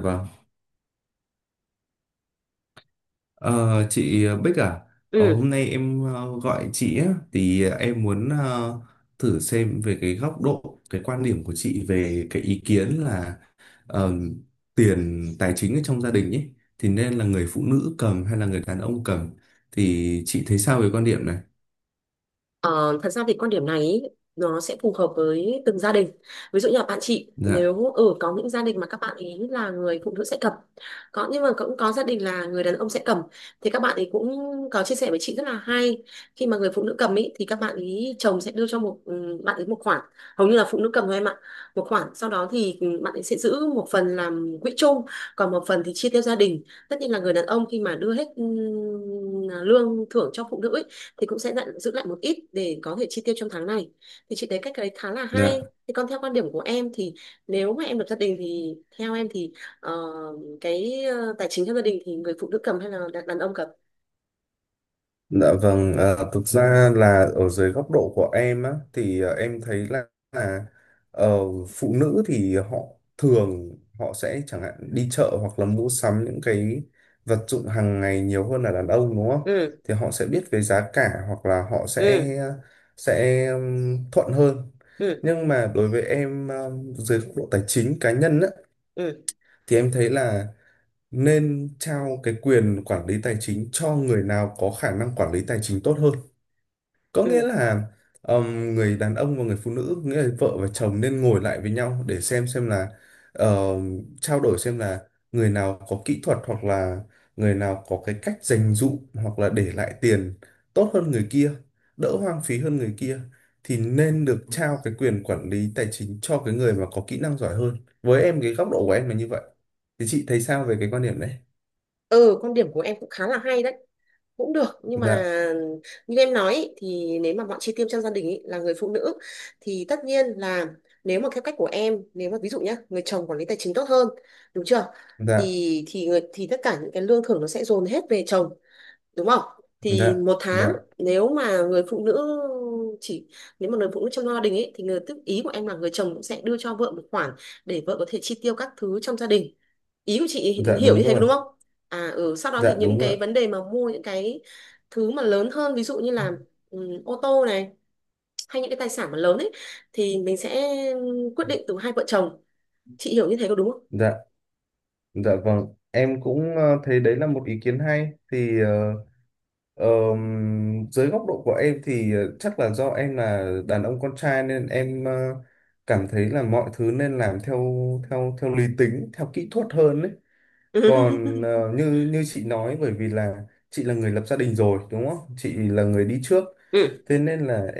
Vâng. Ờ, chị Bích à, Ừ. hôm nay em gọi chị á, thì em muốn thử xem về cái góc độ, cái quan điểm của chị về cái ý kiến là ờ, tiền tài chính ở trong gia đình ấy, thì nên là người phụ nữ cầm hay là người đàn ông cầm, thì chị thấy sao về quan điểm này? Ờ, thật ra thì quan điểm này ý, nó sẽ phù hợp với từng gia đình. Ví dụ như là bạn chị Dạ, nếu ở có những gia đình mà các bạn ý là người phụ nữ sẽ cầm. Có nhưng mà cũng có gia đình là người đàn ông sẽ cầm thì các bạn ấy cũng có chia sẻ với chị rất là hay. Khi mà người phụ nữ cầm ý thì các bạn ý chồng sẽ đưa cho một bạn ấy một khoản, hầu như là phụ nữ cầm thôi em ạ. Một khoản sau đó thì bạn ấy sẽ giữ một phần làm quỹ chung, còn một phần thì chia theo gia đình. Tất nhiên là người đàn ông khi mà đưa hết lương thưởng cho phụ nữ ý, thì cũng sẽ dặn, giữ lại một ít để có thể chi tiêu trong tháng này thì chị thấy cách đấy khá là hay. dạ. Thì còn theo quan điểm của em thì nếu mà em lập gia đình thì theo em thì ờ, cái tài chính trong gia đình thì người phụ nữ cầm hay là đàn ông cầm? Dạ vâng, à, thực ra là ở dưới góc độ của em á, thì em thấy là ờ, phụ nữ thì họ thường họ sẽ chẳng hạn đi chợ hoặc là mua sắm những cái vật dụng hàng ngày nhiều hơn là đàn ông, đúng không? Ừ. Thì họ sẽ biết về giá cả hoặc là họ sẽ Ừ. sẽ ừm, thuận hơn. Ừ. Nhưng mà đối với em à, dưới góc độ tài chính cá nhân á, Ừ. thì em thấy là nên trao cái quyền quản lý tài chính cho người nào có khả năng quản lý tài chính tốt hơn. Có nghĩa Ừ. là người đàn ông và người phụ nữ nghĩa là vợ và chồng nên ngồi lại với nhau để xem là, ờ, trao đổi xem là người nào có kỹ thuật hoặc là người nào có cái cách dành dụm hoặc là để lại tiền tốt hơn người kia, đỡ hoang phí hơn người kia, thì nên được trao cái quyền quản lý tài chính cho cái người mà có kỹ năng giỏi hơn. Với em cái góc độ của em là như vậy. Thì chị thấy sao về cái quan điểm đấy? Ừ. Quan điểm của em cũng khá là hay đấy, cũng được nhưng Dạ. mà như em nói ý, thì nếu mà bọn chi tiêu trong gia đình ý, là người phụ nữ thì tất nhiên là nếu mà theo cách của em, nếu mà ví dụ nhá người chồng quản lý tài chính tốt hơn đúng chưa, Dạ. Thì tất cả những cái lương thưởng nó sẽ dồn hết về chồng đúng không? Thì Dạ. một Dạ. tháng nếu mà người phụ nữ chỉ nếu mà người phụ nữ trong gia đình ấy thì người tức ý của em là người chồng cũng sẽ đưa cho vợ một khoản để vợ có thể chi tiêu các thứ trong gia đình, ý của chị Dạ hiểu như đúng thế có rồi. đúng không? Sau đó thì Dạ những đúng cái rồi. vấn đề mà mua những cái thứ mà lớn hơn, ví dụ như là ô tô này hay những cái tài sản mà lớn ấy thì mình sẽ quyết định từ hai vợ chồng, chị hiểu như thế có đúng không? Dạ. Dạ vâng, em cũng thấy đấy là một ý kiến hay. Thì dưới góc độ của em thì chắc là do em là đàn ông con trai nên em cảm thấy là mọi thứ nên làm theo theo theo lý tính, theo kỹ thuật hơn đấy. Còn như như chị nói, bởi vì là chị là người lập gia đình rồi đúng không? Chị là người đi trước. Ừ. Thế nên là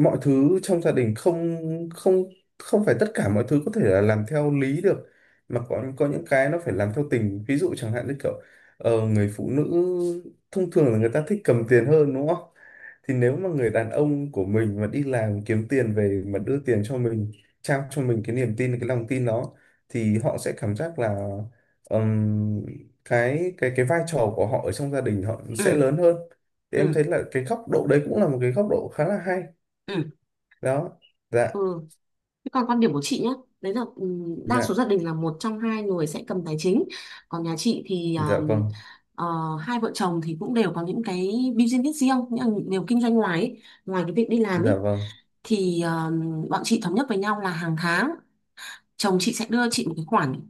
mọi thứ trong gia đình không không không phải tất cả mọi thứ có thể là làm theo lý được, mà có những cái nó phải làm theo tình. Ví dụ chẳng hạn như kiểu người phụ nữ thông thường là người ta thích cầm tiền hơn, đúng không? Thì nếu mà người đàn ông của mình mà đi làm kiếm tiền về mà đưa tiền cho mình, trao cho mình cái niềm tin cái lòng tin đó, thì họ sẽ cảm giác là ừm, cái vai trò của họ ở trong gia đình họ sẽ Ừ. lớn hơn. Thì em Ừ. thấy là cái góc độ đấy cũng là một cái góc độ khá là hay Ừ. đó. Dạ. Ừ. Thế còn quan điểm của chị nhé, đấy là đa số Dạ. gia đình là một trong hai người sẽ cầm tài chính. Còn nhà chị thì Dạ vâng. ờ, hai vợ chồng thì cũng đều có những cái business riêng, những điều kinh doanh ngoài ấy. Ngoài cái việc đi làm Dạ ấy vâng. thì bọn chị thống nhất với nhau là hàng tháng chồng chị sẽ đưa chị một cái khoản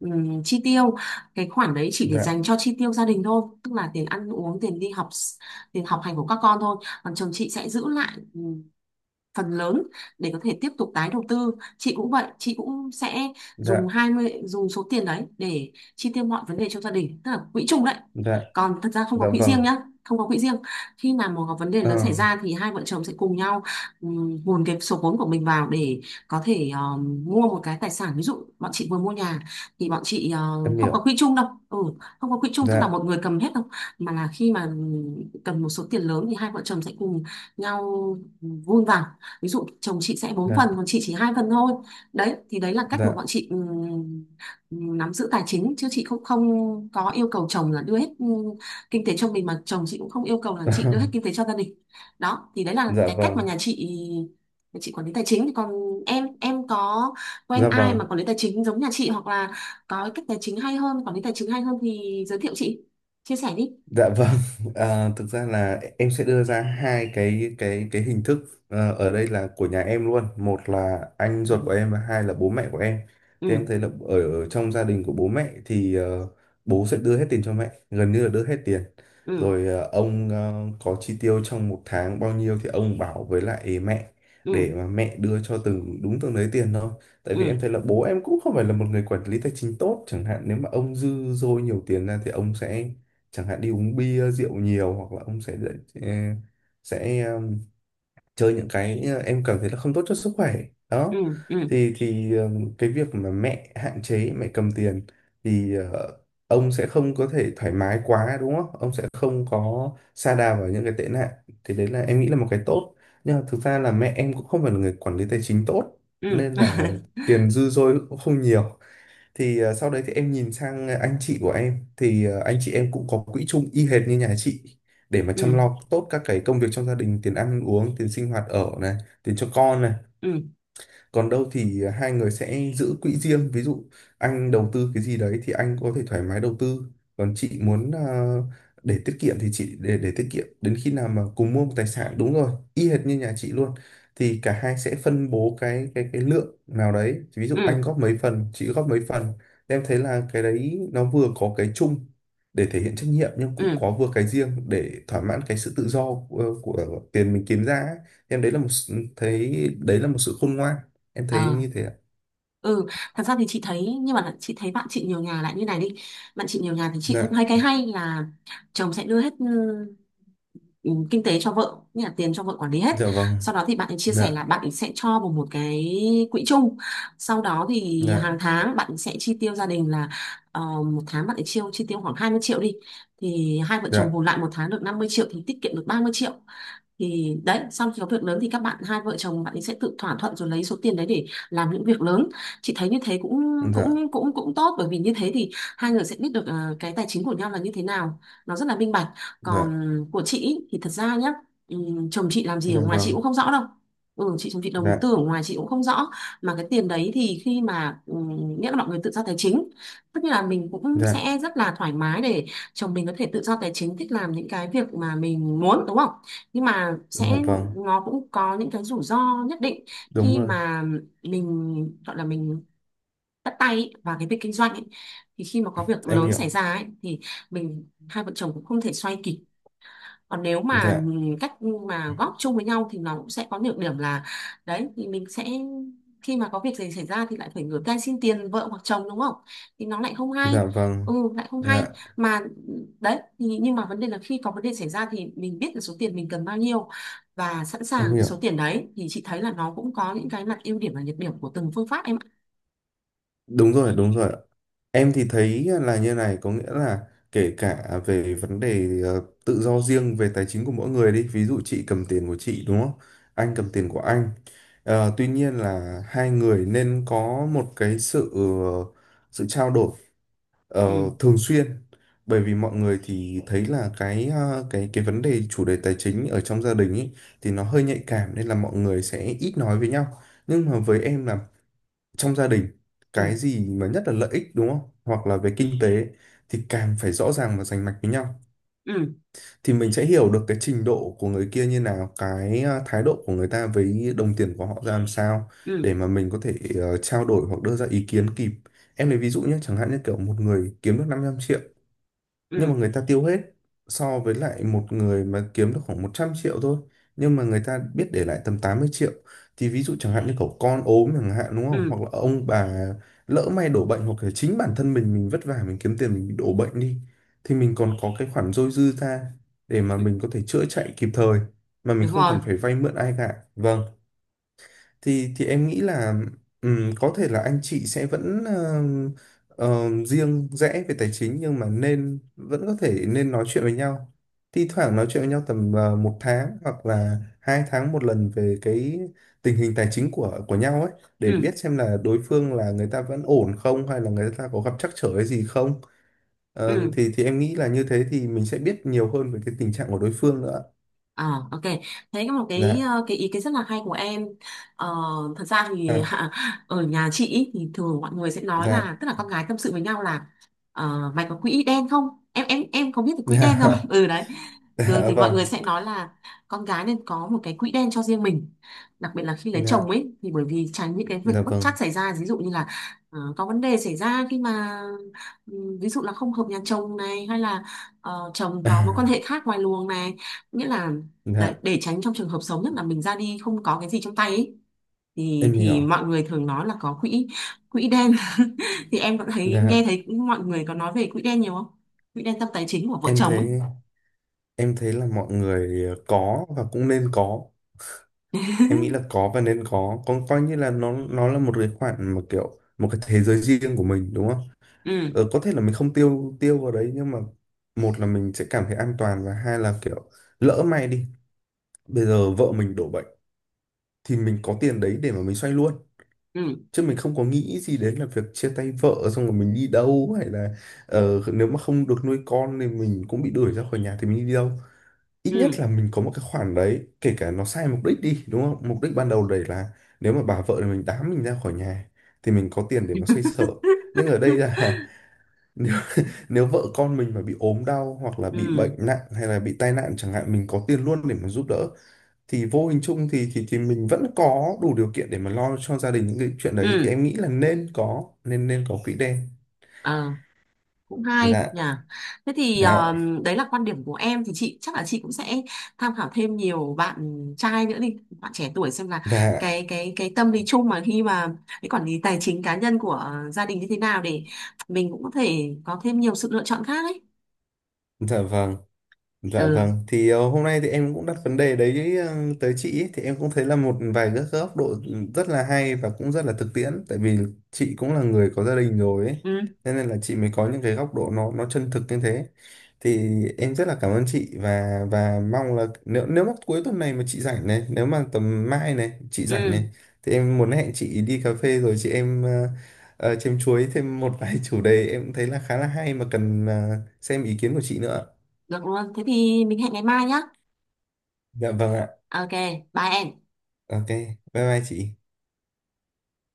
chi tiêu, cái khoản đấy chỉ để Dạ. dành cho chi tiêu gia đình thôi, tức là tiền ăn uống, tiền đi học, tiền học hành của các con thôi. Còn chồng chị sẽ giữ lại phần lớn để có thể tiếp tục tái đầu tư. Chị cũng vậy, chị cũng sẽ dùng Dạ. 20 dùng số tiền đấy để chi tiêu mọi vấn đề trong gia đình, tức là quỹ chung đấy, Dạ. còn thật ra không có Dạ quỹ riêng vâng. nhá, không có quỹ riêng. Khi mà một có vấn đề Ờ, lớn xảy ra thì hai vợ chồng sẽ cùng nhau hùn cái số vốn của mình vào để có thể mua một cái tài sản, ví dụ bọn chị vừa mua nhà thì bọn chị, em không có hiểu. quỹ chung đâu, không có quỹ chung tức là Dạ. một người cầm hết đâu, mà là khi mà cần một số tiền lớn thì hai vợ chồng sẽ cùng nhau vun vào, ví dụ chồng chị sẽ bốn Dạ. phần còn chị chỉ 2 phần thôi. Đấy thì đấy là cách mà bọn Dạ. chị nắm giữ tài chính, chứ chị không không có yêu cầu chồng là đưa hết kinh tế cho mình mà chồng chị cũng không yêu cầu là chị đưa hết kinh tế cho gia đình. Đó thì đấy là Dạ cái cách mà vâng. nhà chị, nhà chị quản lý tài chính. Thì còn em có quen Dạ ai mà vâng. quản lý tài chính giống nhà chị hoặc là có cái cách tài chính hay hơn, quản lý tài chính hay hơn thì giới thiệu chị, chia sẻ đi. Dạ vâng, à, thực ra là em sẽ đưa ra hai cái hình thức, ở đây là của nhà em luôn, một là anh Ừ. ruột của em và hai là bố mẹ của em. Thì Ừ. em thấy là ở trong gia đình của bố mẹ thì bố sẽ đưa hết tiền cho mẹ, gần như là đưa hết tiền. Ừ. Rồi ông có chi tiêu trong một tháng bao nhiêu thì ông bảo với lại mẹ Ừ. để mà mẹ đưa cho từng đúng từng đấy tiền thôi. Tại vì em Ừ. thấy là bố em cũng không phải là một người quản lý tài chính tốt, chẳng hạn nếu mà ông dư dôi nhiều tiền ra thì ông sẽ chẳng hạn đi uống bia rượu nhiều hoặc là ông ờ, sẽ chơi những cái, em cảm thấy là không tốt cho sức khỏe Ừ. đó. Ừ. Thì cái việc mà mẹ hạn chế mẹ cầm tiền thì ông sẽ không có thể thoải mái quá, đúng không? Ông sẽ không có sa đà vào những cái tệ nạn. Thì đấy là em nghĩ là một cái tốt. Nhưng mà thực ra là mẹ em cũng không phải là người quản lý tài chính tốt Ừ. nên Ừ. là tiền dư dôi cũng không nhiều. Thì sau đấy thì em nhìn sang anh chị của em thì anh chị em cũng có quỹ chung y hệt như nhà chị, để mà Ừ. chăm lo tốt các cái công việc trong gia đình, tiền ăn uống, tiền sinh hoạt ở này, tiền cho con này. Ừ. Còn đâu thì hai người sẽ giữ quỹ riêng, ví dụ anh đầu tư cái gì đấy thì anh có thể thoải mái đầu tư, còn chị muốn để tiết kiệm thì chị để tiết kiệm đến khi nào mà cùng mua một tài sản, đúng rồi y hệt như nhà chị luôn. Thì cả hai sẽ phân bố cái lượng nào đấy, ví dụ anh Ừ. góp mấy phần chị góp mấy phần. Em thấy là cái đấy nó vừa có cái chung để thể hiện trách nhiệm, nhưng cũng Ừ. có vừa cái riêng để thỏa mãn cái sự tự do của tiền mình kiếm ra ấy. Em đấy là một s- thấy đấy là một sự khôn ngoan, em thấy Ờ. như thế ạ. Ừ. Thật ra thì chị thấy, nhưng mà chị thấy bạn chị nhiều nhà lại như này đi, bạn chị nhiều nhà thì chị cũng hay, Dạ. cái hay là chồng sẽ đưa hết ừ, kinh tế cho vợ, như là tiền cho vợ quản lý hết. Dạ vâng. Sau đó thì bạn ấy chia Dạ. sẻ là bạn ấy sẽ cho vào một cái quỹ chung, sau đó thì Dạ. hàng tháng bạn ấy sẽ chi tiêu gia đình là một tháng bạn ấy chi tiêu khoảng 20 triệu đi, thì hai vợ chồng Dạ. bù lại một tháng được 50 triệu thì tiết kiệm được 30 triệu. Thì đấy, xong khi có việc lớn thì các bạn, hai vợ chồng bạn ấy sẽ tự thỏa thuận rồi lấy số tiền đấy để làm những việc lớn. Chị thấy như thế cũng Dạ. cũng cũng cũng tốt bởi vì như thế thì hai người sẽ biết được cái tài chính của nhau là như thế nào, nó rất là minh bạch. Dạ. Còn của chị ý, thì thật ra nhá, chồng chị làm gì ở Dạ ngoài chị vâng. cũng không rõ đâu. Ừ chị Chồng chị đầu Dạ. tư ở ngoài chị cũng không rõ, mà cái tiền đấy thì khi mà nghĩa là mọi người tự do tài chính, tức là mình cũng Dạ. sẽ rất là thoải mái để chồng mình có thể tự do tài chính, thích làm những cái việc mà mình muốn đúng không? Nhưng mà Dạ sẽ, vâng nó cũng có những cái rủi ro nhất định đúng khi rồi. mà mình gọi là mình bắt tay ý, vào cái việc kinh doanh ấy. Thì khi mà có việc Em lớn hiểu. xảy ra ấy, thì mình, hai vợ chồng cũng không thể xoay kịp. Còn nếu mà Dạ. cách mà góp chung với nhau thì nó cũng sẽ có nhược điểm là đấy, thì mình sẽ, khi mà có việc gì xảy ra thì lại phải ngửa tay xin tiền vợ hoặc chồng đúng không, thì nó lại không hay, Dạ vâng. Lại không hay. Dạ. Mà đấy, thì nhưng mà vấn đề là khi có vấn đề xảy ra thì mình biết là số tiền mình cần bao nhiêu và sẵn sàng Em cái hiểu số tiền đấy, thì chị thấy là nó cũng có những cái mặt ưu điểm và nhược điểm của từng phương pháp em ạ. đúng rồi. Đúng rồi. Em thì thấy là như này, có nghĩa là kể cả về vấn đề tự do riêng về tài chính của mỗi người đi, ví dụ chị cầm tiền của chị đúng không, anh cầm tiền của anh. Tuy nhiên là hai người nên có một cái sự trao đổi, Ờ, Ừ. thường xuyên, bởi vì mọi người thì thấy là cái ờ, cái vấn đề chủ đề tài chính ở trong gia đình ấy thì nó hơi nhạy cảm nên là mọi người sẽ ít nói với nhau. Nhưng mà với em là trong gia đình, Ừ. cái gì mà nhất là lợi ích đúng không, hoặc là về kinh tế, thì càng phải rõ ràng và rành mạch với nhau. Ừ. Thì mình sẽ hiểu được cái trình độ của người kia như nào, cái thái độ của người ta với đồng tiền của họ ra làm sao, Ừ. để mà mình có thể trao đổi hoặc đưa ra ý kiến kịp. Em lấy ví dụ nhé, chẳng hạn như kiểu một người kiếm được 500 triệu nhưng Ừ. mà người ta tiêu hết, so với lại một người mà kiếm được khoảng 100 triệu thôi, nhưng mà người ta biết để lại tầm 80 triệu. Thì ví dụ chẳng hạn như cậu con ốm chẳng hạn đúng không, Ừ. hoặc là ông bà lỡ may đổ bệnh, hoặc là chính bản thân mình vất vả mình kiếm tiền, mình bị đổ bệnh đi, thì mình còn có cái khoản dôi dư ra để mà Ừ. mình có thể chữa chạy kịp thời mà mình Đúng không rồi. cần phải vay mượn ai cả, vâng. Thì em nghĩ là có thể là anh chị sẽ vẫn riêng rẽ về tài chính, nhưng mà nên vẫn có thể nên nói chuyện với nhau, thi thoảng nói chuyện với nhau tầm một tháng hoặc là 2 tháng một lần về cái tình hình tài chính của nhau ấy, để Ừ. biết xem là đối phương là người ta vẫn ổn không, hay là người ta có gặp trắc trở cái gì không. Ờ, Ừ. thì thì em nghĩ là như thế thì mình sẽ biết nhiều hơn về cái tình trạng của đối phương nữa. À, ok. Thế có một cái Dạ. Cái ý kiến rất là hay của em. Ờ, thật ra thì Dạ. ở nhà chị ý, thì thường mọi người sẽ nói Dạ. là, tức là con gái tâm sự với nhau là mày có quỹ đen không? Em có biết cái quỹ đen Dạ. không? Ừ đấy. Thường Dạ thì mọi vâng. người sẽ nói là con gái nên có một cái quỹ đen cho riêng mình. Đặc biệt là khi lấy chồng Dạ. ấy, thì bởi vì tránh những cái việc Dạ bất vâng. trắc xảy ra, ví dụ như là có vấn đề xảy ra khi mà ví dụ là không hợp nhà chồng này hay là chồng À, có mối quan hệ khác ngoài luồng này, nghĩa là đấy, dạ, để tránh trong trường hợp xấu nhất là mình ra đi không có cái gì trong tay ấy, em thì hiểu. mọi người thường nói là có quỹ, quỹ đen. Thì em có thấy, nghe Dạ, thấy mọi người có nói về quỹ đen nhiều không? Quỹ đen tâm tài chính của vợ em chồng ấy. thấy em thấy là mọi người có và cũng nên có. Em nghĩ là có và nên có. Con coi như là nó là một cái khoản mà kiểu một cái thế giới riêng của mình đúng không? Ừ. Có thể là mình không tiêu tiêu vào đấy, nhưng mà một là mình sẽ cảm thấy an toàn và hai là kiểu lỡ may đi, bây giờ vợ mình đổ bệnh thì mình có tiền đấy để mà mình xoay luôn, Ừ. chứ mình không có nghĩ gì đến là việc chia tay vợ xong rồi mình đi đâu, hay là nếu mà không được nuôi con thì mình cũng bị đuổi ra khỏi nhà thì mình đi đâu. Ít nhất Ừ. là mình có một cái khoản đấy, kể cả nó sai mục đích đi, đúng không, mục đích ban đầu đấy là nếu mà bà vợ thì mình đám mình ra khỏi nhà thì mình có tiền để mà xoay sở. Ừ. Nhưng ở đây là, nếu, nếu vợ con mình mà bị ốm đau hoặc là bị bệnh Ừ. nặng hay là bị tai nạn chẳng hạn, mình có tiền luôn để mà giúp đỡ. Thì vô hình chung thì thì mình vẫn có đủ điều kiện để mà lo cho gia đình những cái chuyện đấy. Thì Ừ. em nghĩ là nên có quỹ đen. Ờ. Cũng hay Dạ. nhỉ. Thế thì Dạ. Đấy là quan điểm của em thì chị chắc là chị cũng sẽ tham khảo thêm nhiều bạn trai nữa đi, bạn trẻ tuổi, xem là Dạ. Cái tâm lý chung mà khi mà cái quản lý tài chính cá nhân của gia đình như thế nào để mình cũng có thể có thêm nhiều sự lựa chọn khác ấy. Dạ vâng. Dạ Ừ. vâng, thì hôm nay thì em cũng đặt vấn đề đấy tới chị ấy. Thì em cũng thấy là một vài các góc độ rất là hay và cũng rất là thực tiễn, tại vì chị cũng là người có gia đình rồi ấy. Ừ. Cho nên là chị mới có những cái góc độ nó chân thực như thế. Thì em rất là cảm ơn chị, và mong là nếu nếu mà cuối tuần này mà chị rảnh này, nếu mà tầm mai này chị rảnh này Ừ. thì em muốn hẹn chị đi cà phê, rồi chị em chém chuối thêm một vài chủ đề em thấy là khá là hay mà cần xem ý kiến của chị nữa. Được luôn, thế thì mình hẹn ngày mai nhá. Dạ vâng ạ. Ok, bye em. Ok, bye bye chị.